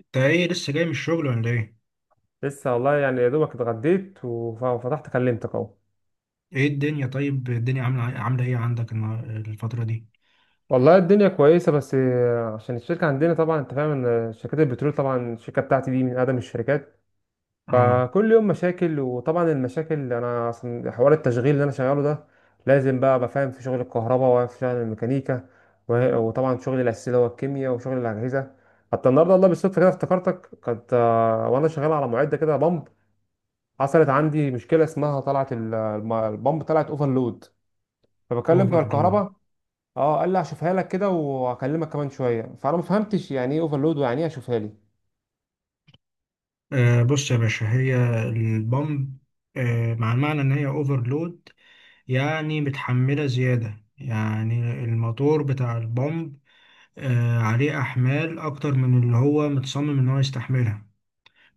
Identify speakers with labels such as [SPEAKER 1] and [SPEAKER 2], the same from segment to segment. [SPEAKER 1] انت ايه، لسه جاي من الشغل ولا ايه؟
[SPEAKER 2] لسه والله يعني يا دوبك اتغديت وفتحت كلمتك اهو.
[SPEAKER 1] ايه الدنيا؟ طيب، الدنيا عامله ايه عندك الفتره دي؟
[SPEAKER 2] والله الدنيا كويسة، بس عشان الشركة عندنا طبعا انت فاهم ان شركات البترول، طبعا الشركة بتاعتي دي من اقدم الشركات،
[SPEAKER 1] اه.
[SPEAKER 2] فكل يوم مشاكل. وطبعا المشاكل، انا اصلا حوار التشغيل اللي انا شغاله ده لازم بقى ابقى فاهم في شغل الكهرباء وفي شغل الميكانيكا، وطبعا شغل الاساسي اللي هو الكيمياء وشغل الاجهزة. حتى النهارده والله بالصدفة كده افتكرتك، كنت وانا شغال على معدة كده بمب، حصلت عندي مشكلة اسمها طلعت البمب طلعت اوفرلود. فبكلم بتوع
[SPEAKER 1] اوفرلود؟
[SPEAKER 2] الكهرباء. اه، قال لي هشوفها لك كده وهكلمك كمان شويه، فانا ما فهمتش يعني ايه اوفرلود ويعني ايه هشوفها لي.
[SPEAKER 1] آه، بص يا باشا، هي البامب آه مع المعنى ان هي اوفرلود، يعني متحمله زياده، يعني الموتور بتاع البامب عليه احمال اكتر من اللي هو متصمم ان هو يستحملها،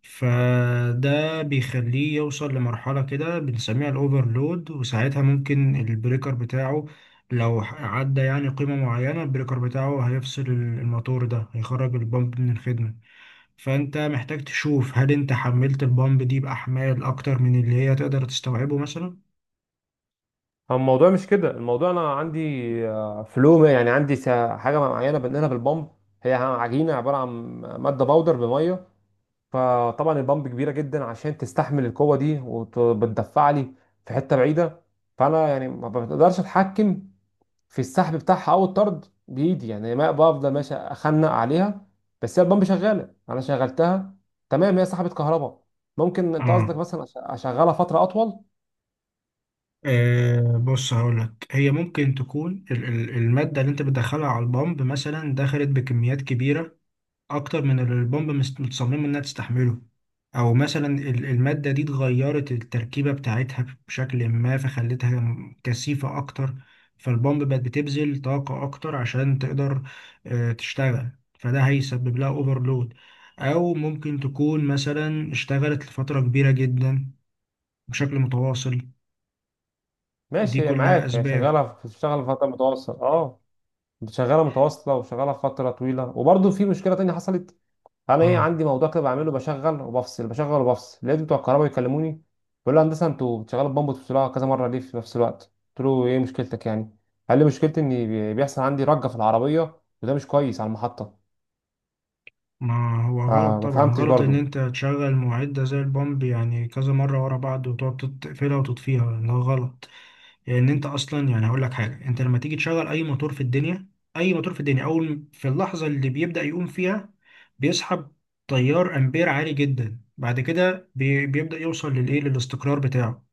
[SPEAKER 1] فده بيخليه يوصل لمرحلة كده بنسميها الأوفرلود، وساعتها ممكن البريكر بتاعه لو عدى يعني قيمة معينة، البريكر بتاعه هيفصل الموتور ده، هيخرج البامب من الخدمة. فأنت محتاج تشوف هل أنت حملت البامب دي بأحمال أكتر من اللي هي تقدر تستوعبه مثلا؟
[SPEAKER 2] هو الموضوع مش كده، الموضوع انا عندي فلو يعني عندي حاجه معينه بنقلها بالبامب، هي عجينه عباره عن ماده باودر بميه، فطبعا البامب كبيره جدا عشان تستحمل القوه دي وبتدفع لي في حته بعيده. فانا يعني ما بقدرش اتحكم في السحب بتاعها او الطرد بايدي، يعني ما بفضل ماشي اخنق عليها. بس هي البامب شغاله، انا شغلتها تمام، هي سحبت كهرباء. ممكن انت قصدك
[SPEAKER 1] آه.
[SPEAKER 2] مثلا اشغلها فتره اطول.
[SPEAKER 1] بص هقولك، هي ممكن تكون المادة اللي انت بتدخلها على البامب مثلا دخلت بكميات كبيرة اكتر من اللي البomb متصممه انها تستحمله. او مثلا الماده دي اتغيرت التركيبه بتاعتها بشكل ما فخلتها كثيفه اكتر، فالبومب بقت بتبذل طاقه اكتر عشان تقدر تشتغل، فده هيسبب لها اوفرلود. او ممكن تكون مثلا اشتغلت لفتره كبيره جدا بشكل متواصل. دي
[SPEAKER 2] ماشي، هي
[SPEAKER 1] كلها
[SPEAKER 2] معاك، هي
[SPEAKER 1] اسباب.
[SPEAKER 2] شغاله بتشتغل فتره متواصله، اه. شغاله متواصله وشغاله فتره طويله، وبرضه في مشكله تانية حصلت. انا ايه،
[SPEAKER 1] اه.
[SPEAKER 2] عندي موضوع كده بعمله، بشغل وبفصل بشغل وبفصل، لقيت بتوع الكهرباء بيكلموني. بيقول لي هندسه، انتوا بتشغلوا البامب وتفصلوها كذا مره ليه في نفس الوقت؟ قلت له ايه مشكلتك يعني؟ قال لي مشكلتي ان بيحصل عندي رجه في العربيه وده مش كويس على المحطه.
[SPEAKER 1] ما هو غلط،
[SPEAKER 2] فما
[SPEAKER 1] طبعا
[SPEAKER 2] فهمتش
[SPEAKER 1] غلط ان
[SPEAKER 2] برضو.
[SPEAKER 1] انت تشغل معدة زي البامب يعني كذا مرة ورا بعض، وتقعد تقفلها وتطفيها، ده غلط. لان انت اصلا، يعني هقول لك حاجة، انت لما تيجي تشغل اي موتور في الدنيا، اي موتور في الدنيا، اول في اللحظة اللي بيبدأ يقوم فيها بيسحب تيار امبير عالي جدا، بعد كده بيبدأ يوصل للايه، للاستقرار بتاعه.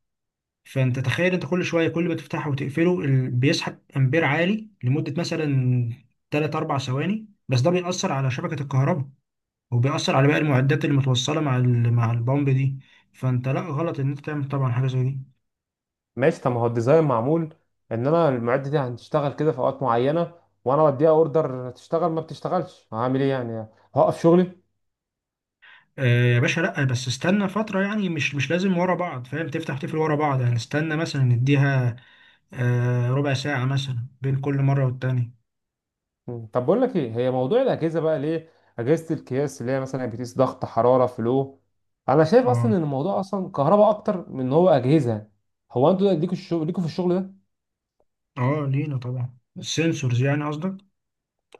[SPEAKER 1] فانت تخيل، انت كل شوية كل ما تفتحه وتقفله بيسحب امبير عالي لمدة مثلا 3 4 ثواني، بس ده بيأثر على شبكة الكهرباء، وبيأثر على باقي المعدات اللي متوصلة مع البامب دي. فانت لا، غلط ان انت تعمل طبعا حاجة زي دي.
[SPEAKER 2] ماشي، طب ما هو الديزاين معمول ان انا المعده دي هتشتغل كده في اوقات معينه، وانا بديها اوردر تشتغل ما بتشتغلش هعمل ايه يعني؟ هوقف شغلي؟
[SPEAKER 1] آه يا باشا، لا بس استنى فترة، يعني مش لازم ورا بعض، فاهم؟ تفتح تقفل ورا بعض، يعني استنى مثلا نديها آه ربع ساعة مثلا بين كل مرة والتانية.
[SPEAKER 2] مم. طب بقول لك ايه، هي موضوع الاجهزه بقى ليه، اجهزه القياس اللي هي مثلا بتقيس ضغط حراره، فلو انا شايف اصلا
[SPEAKER 1] اه.
[SPEAKER 2] ان الموضوع اصلا كهرباء اكتر من ان هو اجهزه، هو انتوا ليكوا الشغل، ليكوا في الشغل ده؟
[SPEAKER 1] اه، لينا طبعا، السنسورز يعني قصدك؟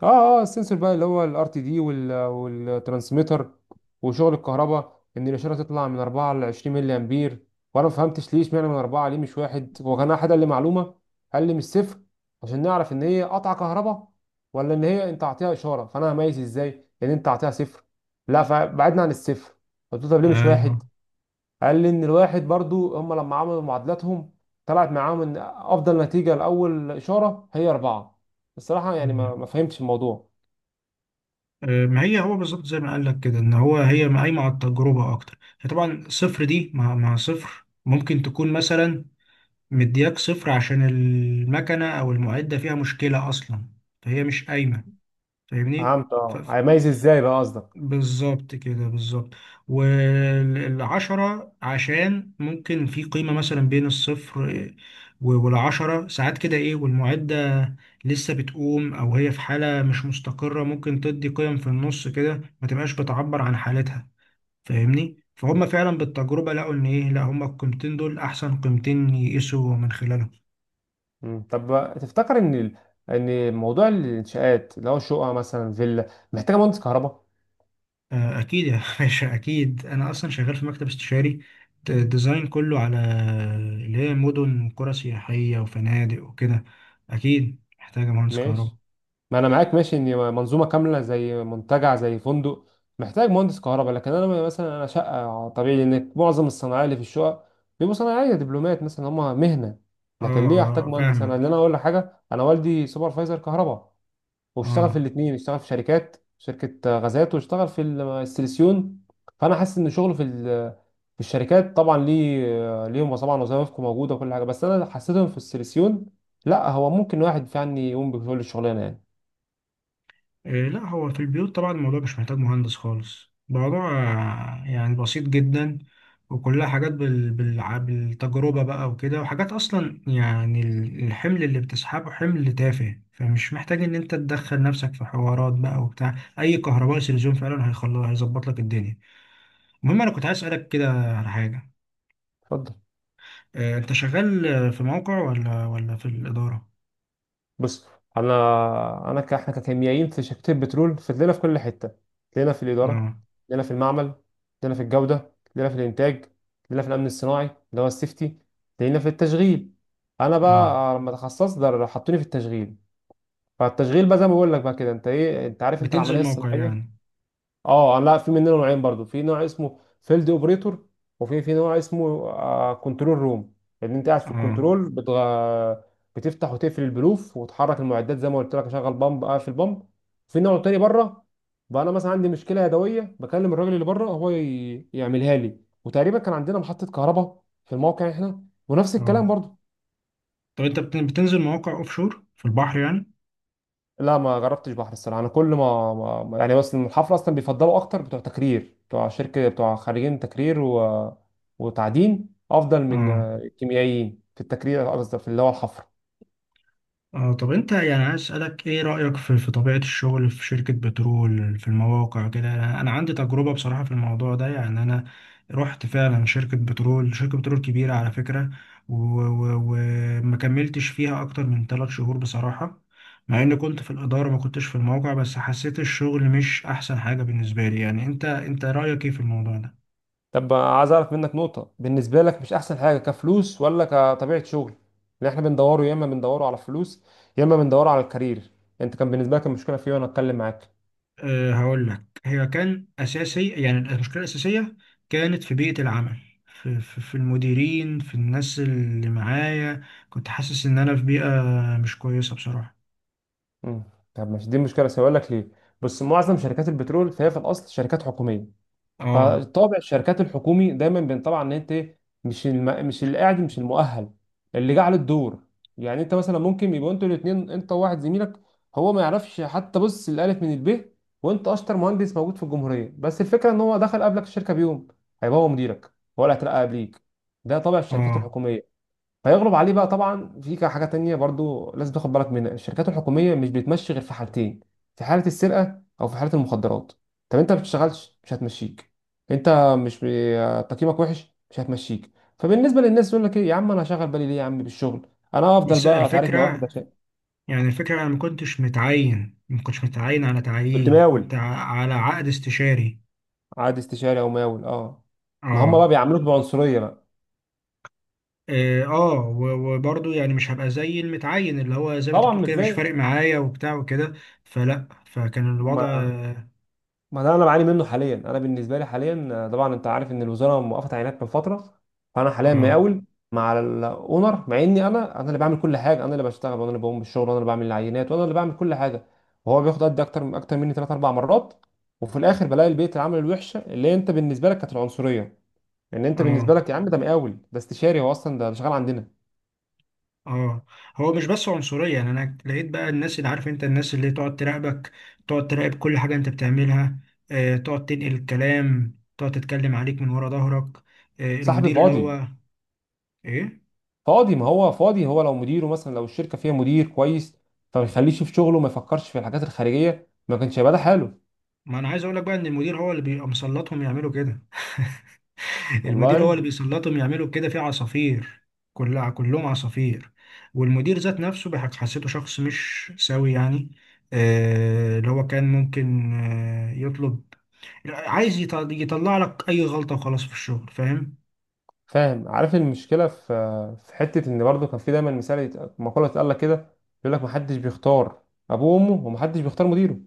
[SPEAKER 2] اه، اه، السنسور بقى اللي هو الـRTD والترانسميتر، وشغل الكهرباء ان الاشاره تطلع من 4 ل 20 ملي امبير. وانا ما فهمتش ليه اشمعنى من 4، ليه مش واحد؟ هو كان احد قال لي معلومه، قال لي من الصفر عشان نعرف ان هي قطع كهرباء ولا ان هي انت اعطيها اشاره، فانا هميز ازاي ان انت اعطيها صفر؟ لا، فبعدنا عن الصفر. قلت له طب ليه مش
[SPEAKER 1] ايوه.
[SPEAKER 2] واحد؟ قال لي ان الواحد برضو هم لما عملوا معادلاتهم طلعت معاهم ان افضل نتيجه لاول اشاره هي 4. الصراحه يعني ما
[SPEAKER 1] مم.
[SPEAKER 2] ما فهمتش الموضوع.
[SPEAKER 1] ما هي هو بالظبط زي ما قال لك كده، ان هو هي قايمه على التجربه اكتر. هي طبعا صفر دي مع صفر ممكن تكون مثلا مدياك صفر عشان المكنة أو المعدة فيها مشكلة أصلا، فهي مش قايمة. فاهمني؟
[SPEAKER 2] فهمت،
[SPEAKER 1] ف...
[SPEAKER 2] اه،
[SPEAKER 1] ف-
[SPEAKER 2] هيميز ازاي بقى قصدك.
[SPEAKER 1] بالظبط كده، بالظبط. والعشرة عشان ممكن في قيمة مثلا بين الصفر والعشرة، ساعات كده إيه، والمعدة لسه بتقوم أو هي في حالة مش مستقرة، ممكن تدي قيم في النص كده ما تبقاش بتعبر عن حالتها. فاهمني؟ فهم، فعلا بالتجربة لقوا إن إيه، لا، هم القيمتين دول أحسن قيمتين يقيسوا من خلالهم.
[SPEAKER 2] مم. طب تفتكر ان ان موضوع الانشاءات اللي هو شقه مثلا فيلا محتاجه مهندس كهرباء؟
[SPEAKER 1] آه، اكيد يا باشا، اكيد. انا اصلا شغال في مكتب استشاري، ديزاين كله على اللي هي مدن وقرى سياحيه وفنادق وكده، اكيد محتاجه مهندس كهرباء.
[SPEAKER 2] ماشي، ما انا معاك ماشي ان منظومه كامله زي منتجع زي فندق محتاج مهندس كهرباء، لكن انا مثلا انا شقه، طبيعي ان معظم الصناعيه اللي في الشقه بيبقوا صناعيه دبلومات مثلا، هم مهنه.
[SPEAKER 1] اه.
[SPEAKER 2] لكن ليه احتاج
[SPEAKER 1] اه،
[SPEAKER 2] مهندس؟ انا،
[SPEAKER 1] فاهمك.
[SPEAKER 2] ان انا اقول لك حاجه، انا والدي سوبرفايزر كهرباء، واشتغل في
[SPEAKER 1] اه.
[SPEAKER 2] الاثنين، اشتغل في شركات شركة غازات، واشتغل في السيليسيون. فانا حاسس ان شغله في في الشركات طبعا ليه، ليهم طبعا وظائفكم موجودة وكل حاجة، بس انا حسيتهم في السيليسيون، لا هو ممكن واحد فعلا يقوم بكل الشغلانة يعني.
[SPEAKER 1] إيه، لا هو في البيوت طبعا الموضوع مش محتاج مهندس خالص. الموضوع يعني بسيط جدا، وكلها حاجات بالتجربة بقى وكده، وحاجات أصلا يعني الحمل اللي بتسحبه حمل تافه، فمش محتاج إن أنت تدخل نفسك في حوارات بقى وبتاع. أي كهربائي سلزوم فعلا هيخلص، هيظبط لك الدنيا. المهم، أنا كنت عايز أسألك كده على حاجة.
[SPEAKER 2] اتفضل.
[SPEAKER 1] إيه أنت شغال في موقع ولا في الإدارة؟
[SPEAKER 2] بص، احنا ككيميائيين في شركه البترول فتلاقينا في كل حته، تلاقينا في الاداره،
[SPEAKER 1] اه.
[SPEAKER 2] تلاقينا في المعمل، تلاقينا في الجوده، تلاقينا في الانتاج، تلاقينا في الامن الصناعي اللي هو السيفتي، تلاقينا في التشغيل. انا
[SPEAKER 1] اه،
[SPEAKER 2] بقى لما تخصصت ده حطوني في التشغيل. فالتشغيل بقى زي ما بقول لك بقى كده، انت ايه، انت عارف انت العمليه
[SPEAKER 1] بتنزل موقع
[SPEAKER 2] الصناعيه.
[SPEAKER 1] يعني؟
[SPEAKER 2] اه، لا، في منه نوعين برضو، في نوع اسمه فيلد اوبريتور، وفي نوع اسمه كنترول روم، ان انت قاعد في
[SPEAKER 1] اه.
[SPEAKER 2] الكنترول بتفتح وتقفل البلوف وتحرك المعدات زي ما قلت لك، اشغل بامب، اقفل بامب. في نوع تاني بره، بقى انا مثلا عندي مشكله يدويه بكلم الراجل اللي بره، هو يعملها لي. وتقريبا كان عندنا محطه كهرباء في الموقع احنا ونفس الكلام
[SPEAKER 1] اه
[SPEAKER 2] برضو.
[SPEAKER 1] طب انت بتنزل مواقع اوفشور، في البحر يعني؟
[SPEAKER 2] لا، ما جربتش بحر الصراحه، انا كل ما, ما ما- يعني بس الحفله اصلا بيفضلوا اكتر بتوع تكرير بتوع شركه بتوع خريجين تكرير وتعدين، افضل من
[SPEAKER 1] اه.
[SPEAKER 2] الكيميائيين في التكرير، قصدي في اللي هو الحفر.
[SPEAKER 1] اه طب انت، يعني عايز اسالك ايه رايك في طبيعه الشغل في شركه بترول، في المواقع كده؟ انا عندي تجربه بصراحه في الموضوع ده. يعني انا رحت فعلا شركه بترول، شركه بترول كبيره على فكره، وما كملتش فيها اكتر من 3 شهور بصراحه. مع اني كنت في الاداره، ما كنتش في الموقع، بس حسيت الشغل مش احسن حاجه بالنسبه لي. يعني انت، انت رايك ايه في الموضوع ده؟
[SPEAKER 2] طب عايز اعرف منك نقطه، بالنسبه لك مش احسن حاجه كفلوس ولا كطبيعه شغل؟ اللي احنا بندوره، يا اما بندوره على الفلوس، يا اما بندوره على الكارير. انت كان بالنسبه لك المشكله في إيه وانا اتكلم معاك؟
[SPEAKER 1] أه هقول لك، هي كان أساسي، يعني المشكلة الأساسية كانت في بيئة العمل، في المديرين، في الناس اللي معايا، كنت حاسس إن أنا في بيئة مش كويسة بصراحة.
[SPEAKER 2] مم. طب مش دي مشكله، سؤالك ليه بس معظم شركات البترول، فهي في الاصل شركات حكوميه،
[SPEAKER 1] اه.
[SPEAKER 2] فطابع الشركات الحكومي دايما بينطبع ان انت مش اللي قاعد، مش المؤهل، اللي جه على الدور. يعني انت مثلا ممكن يبقوا انتوا الاثنين، انت وواحد زميلك، هو ما يعرفش حتى بص الالف من الب، وانت اشطر مهندس موجود في الجمهوريه، بس الفكره ان هو دخل قبلك الشركه بيوم، هيبقى هو مديرك ولا هترقى قبليك. ده طابع الشركات
[SPEAKER 1] اه
[SPEAKER 2] الحكوميه فيغلب عليه بقى. طبعا في حاجه تانية برضو لازم تاخد بالك منها، الشركات الحكوميه مش بتمشي غير في حالتين، في حاله السرقه او في حاله المخدرات. طب انت ما بتشتغلش مش هتمشيك، انت مش تقييمك وحش مش هتمشيك. فبالنسبه للناس يقول لك ايه يا عم، انا هشغل بالي ليه يا عم بالشغل، انا افضل
[SPEAKER 1] بس
[SPEAKER 2] بقى اتعارك مع
[SPEAKER 1] الفكرة،
[SPEAKER 2] واحد عشان.
[SPEAKER 1] يعني الفكرة، أنا ما كنتش متعين، ما كنتش متعين على
[SPEAKER 2] كنت
[SPEAKER 1] تعيين، كنت
[SPEAKER 2] مقاول.
[SPEAKER 1] على عقد استشاري.
[SPEAKER 2] عاد استشاري او مقاول، اه، ما هم
[SPEAKER 1] اه.
[SPEAKER 2] بقى بيعاملوك بعنصريه بقى،
[SPEAKER 1] اه وبرضه يعني مش هبقى زي المتعين اللي هو زي ما انت
[SPEAKER 2] طبعا
[SPEAKER 1] بتقول
[SPEAKER 2] مش
[SPEAKER 1] كده، مش
[SPEAKER 2] زي.
[SPEAKER 1] فارق معايا وبتاع وكده، فلا فكان الوضع.
[SPEAKER 2] ما ما ده انا بعاني منه حاليا، انا بالنسبه لي حاليا طبعا انت عارف ان الوزاره موقفه عينات من فتره، فانا حاليا
[SPEAKER 1] اه.
[SPEAKER 2] مقاول مع الاونر، مع اني انا اللي بعمل كل حاجه، انا اللي بشتغل، وانا اللي بقوم بالشغل، وانا اللي بعمل العينات، وانا اللي بعمل كل حاجه، وهو بياخد قد اكتر اكتر مني 3 4 مرات. وفي الاخر بلاقي البيئه العمل الوحشه اللي انت بالنسبه لك كانت العنصريه، ان انت بالنسبه
[SPEAKER 1] اه.
[SPEAKER 2] لك يا عم ده مقاول، ده استشاري، هو اصلا ده شغال عندنا.
[SPEAKER 1] اه هو مش بس عنصرية، يعني انا لقيت بقى الناس، اللي عارف انت، الناس اللي تقعد تراقبك، تقعد تراقب كل حاجة انت بتعملها، آه تقعد تنقل الكلام، تقعد تتكلم عليك من ورا ظهرك. آه
[SPEAKER 2] صاحبي
[SPEAKER 1] المدير اللي
[SPEAKER 2] فاضي
[SPEAKER 1] هو، ايه،
[SPEAKER 2] فاضي، ما هو فاضي، هو لو مديره مثلا، لو الشركه فيها مدير كويس فما يخليش في شغله، ما يفكرش في الحاجات الخارجيه، ما كانش هيبقى ده حاله.
[SPEAKER 1] ما انا عايز اقول لك بقى ان المدير هو اللي بيبقى مسلطهم يعملوا كده. المدير هو
[SPEAKER 2] والله.
[SPEAKER 1] اللي بيسلطهم يعملوا كده، في عصافير، كلها كلهم عصافير. والمدير ذات نفسه حسيته شخص مش سوي يعني. آه اللي هو كان ممكن آه يطلب، عايز يطلع لك اي غلطة وخلاص في الشغل، فاهم؟
[SPEAKER 2] فاهم. عارف المشكله في حته، ان برضه كان في دايما مثال، مقوله اتقال لك كده، يقول لك ما حدش بيختار ابوه وامه، وما حدش بيختار مديره،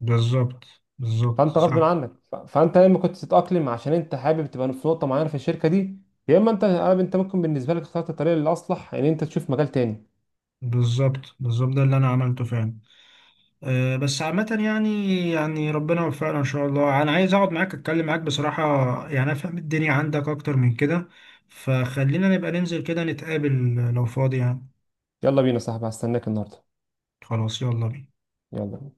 [SPEAKER 1] بالظبط، بالظبط
[SPEAKER 2] فانت غصب
[SPEAKER 1] صح.
[SPEAKER 2] عنك، فانت يا اما كنت تتاقلم عشان انت حابب تبقى في نقطه معينه في الشركه دي، يا اما انت ممكن بالنسبه لك اخترت الطريقه الاصلح ان انت تشوف مجال تاني.
[SPEAKER 1] بالظبط بالظبط، ده اللي انا عملته فعلا. أه بس عامة يعني، يعني ربنا يوفقنا ان شاء الله. انا عايز اقعد معاك، اتكلم معاك بصراحة، يعني افهم الدنيا عندك اكتر من كده. فخلينا نبقى ننزل كده، نتقابل لو فاضي يعني.
[SPEAKER 2] يلا بينا يا صاحبي، هستناك النهارده.
[SPEAKER 1] خلاص، يلا بينا.
[SPEAKER 2] يلا بينا.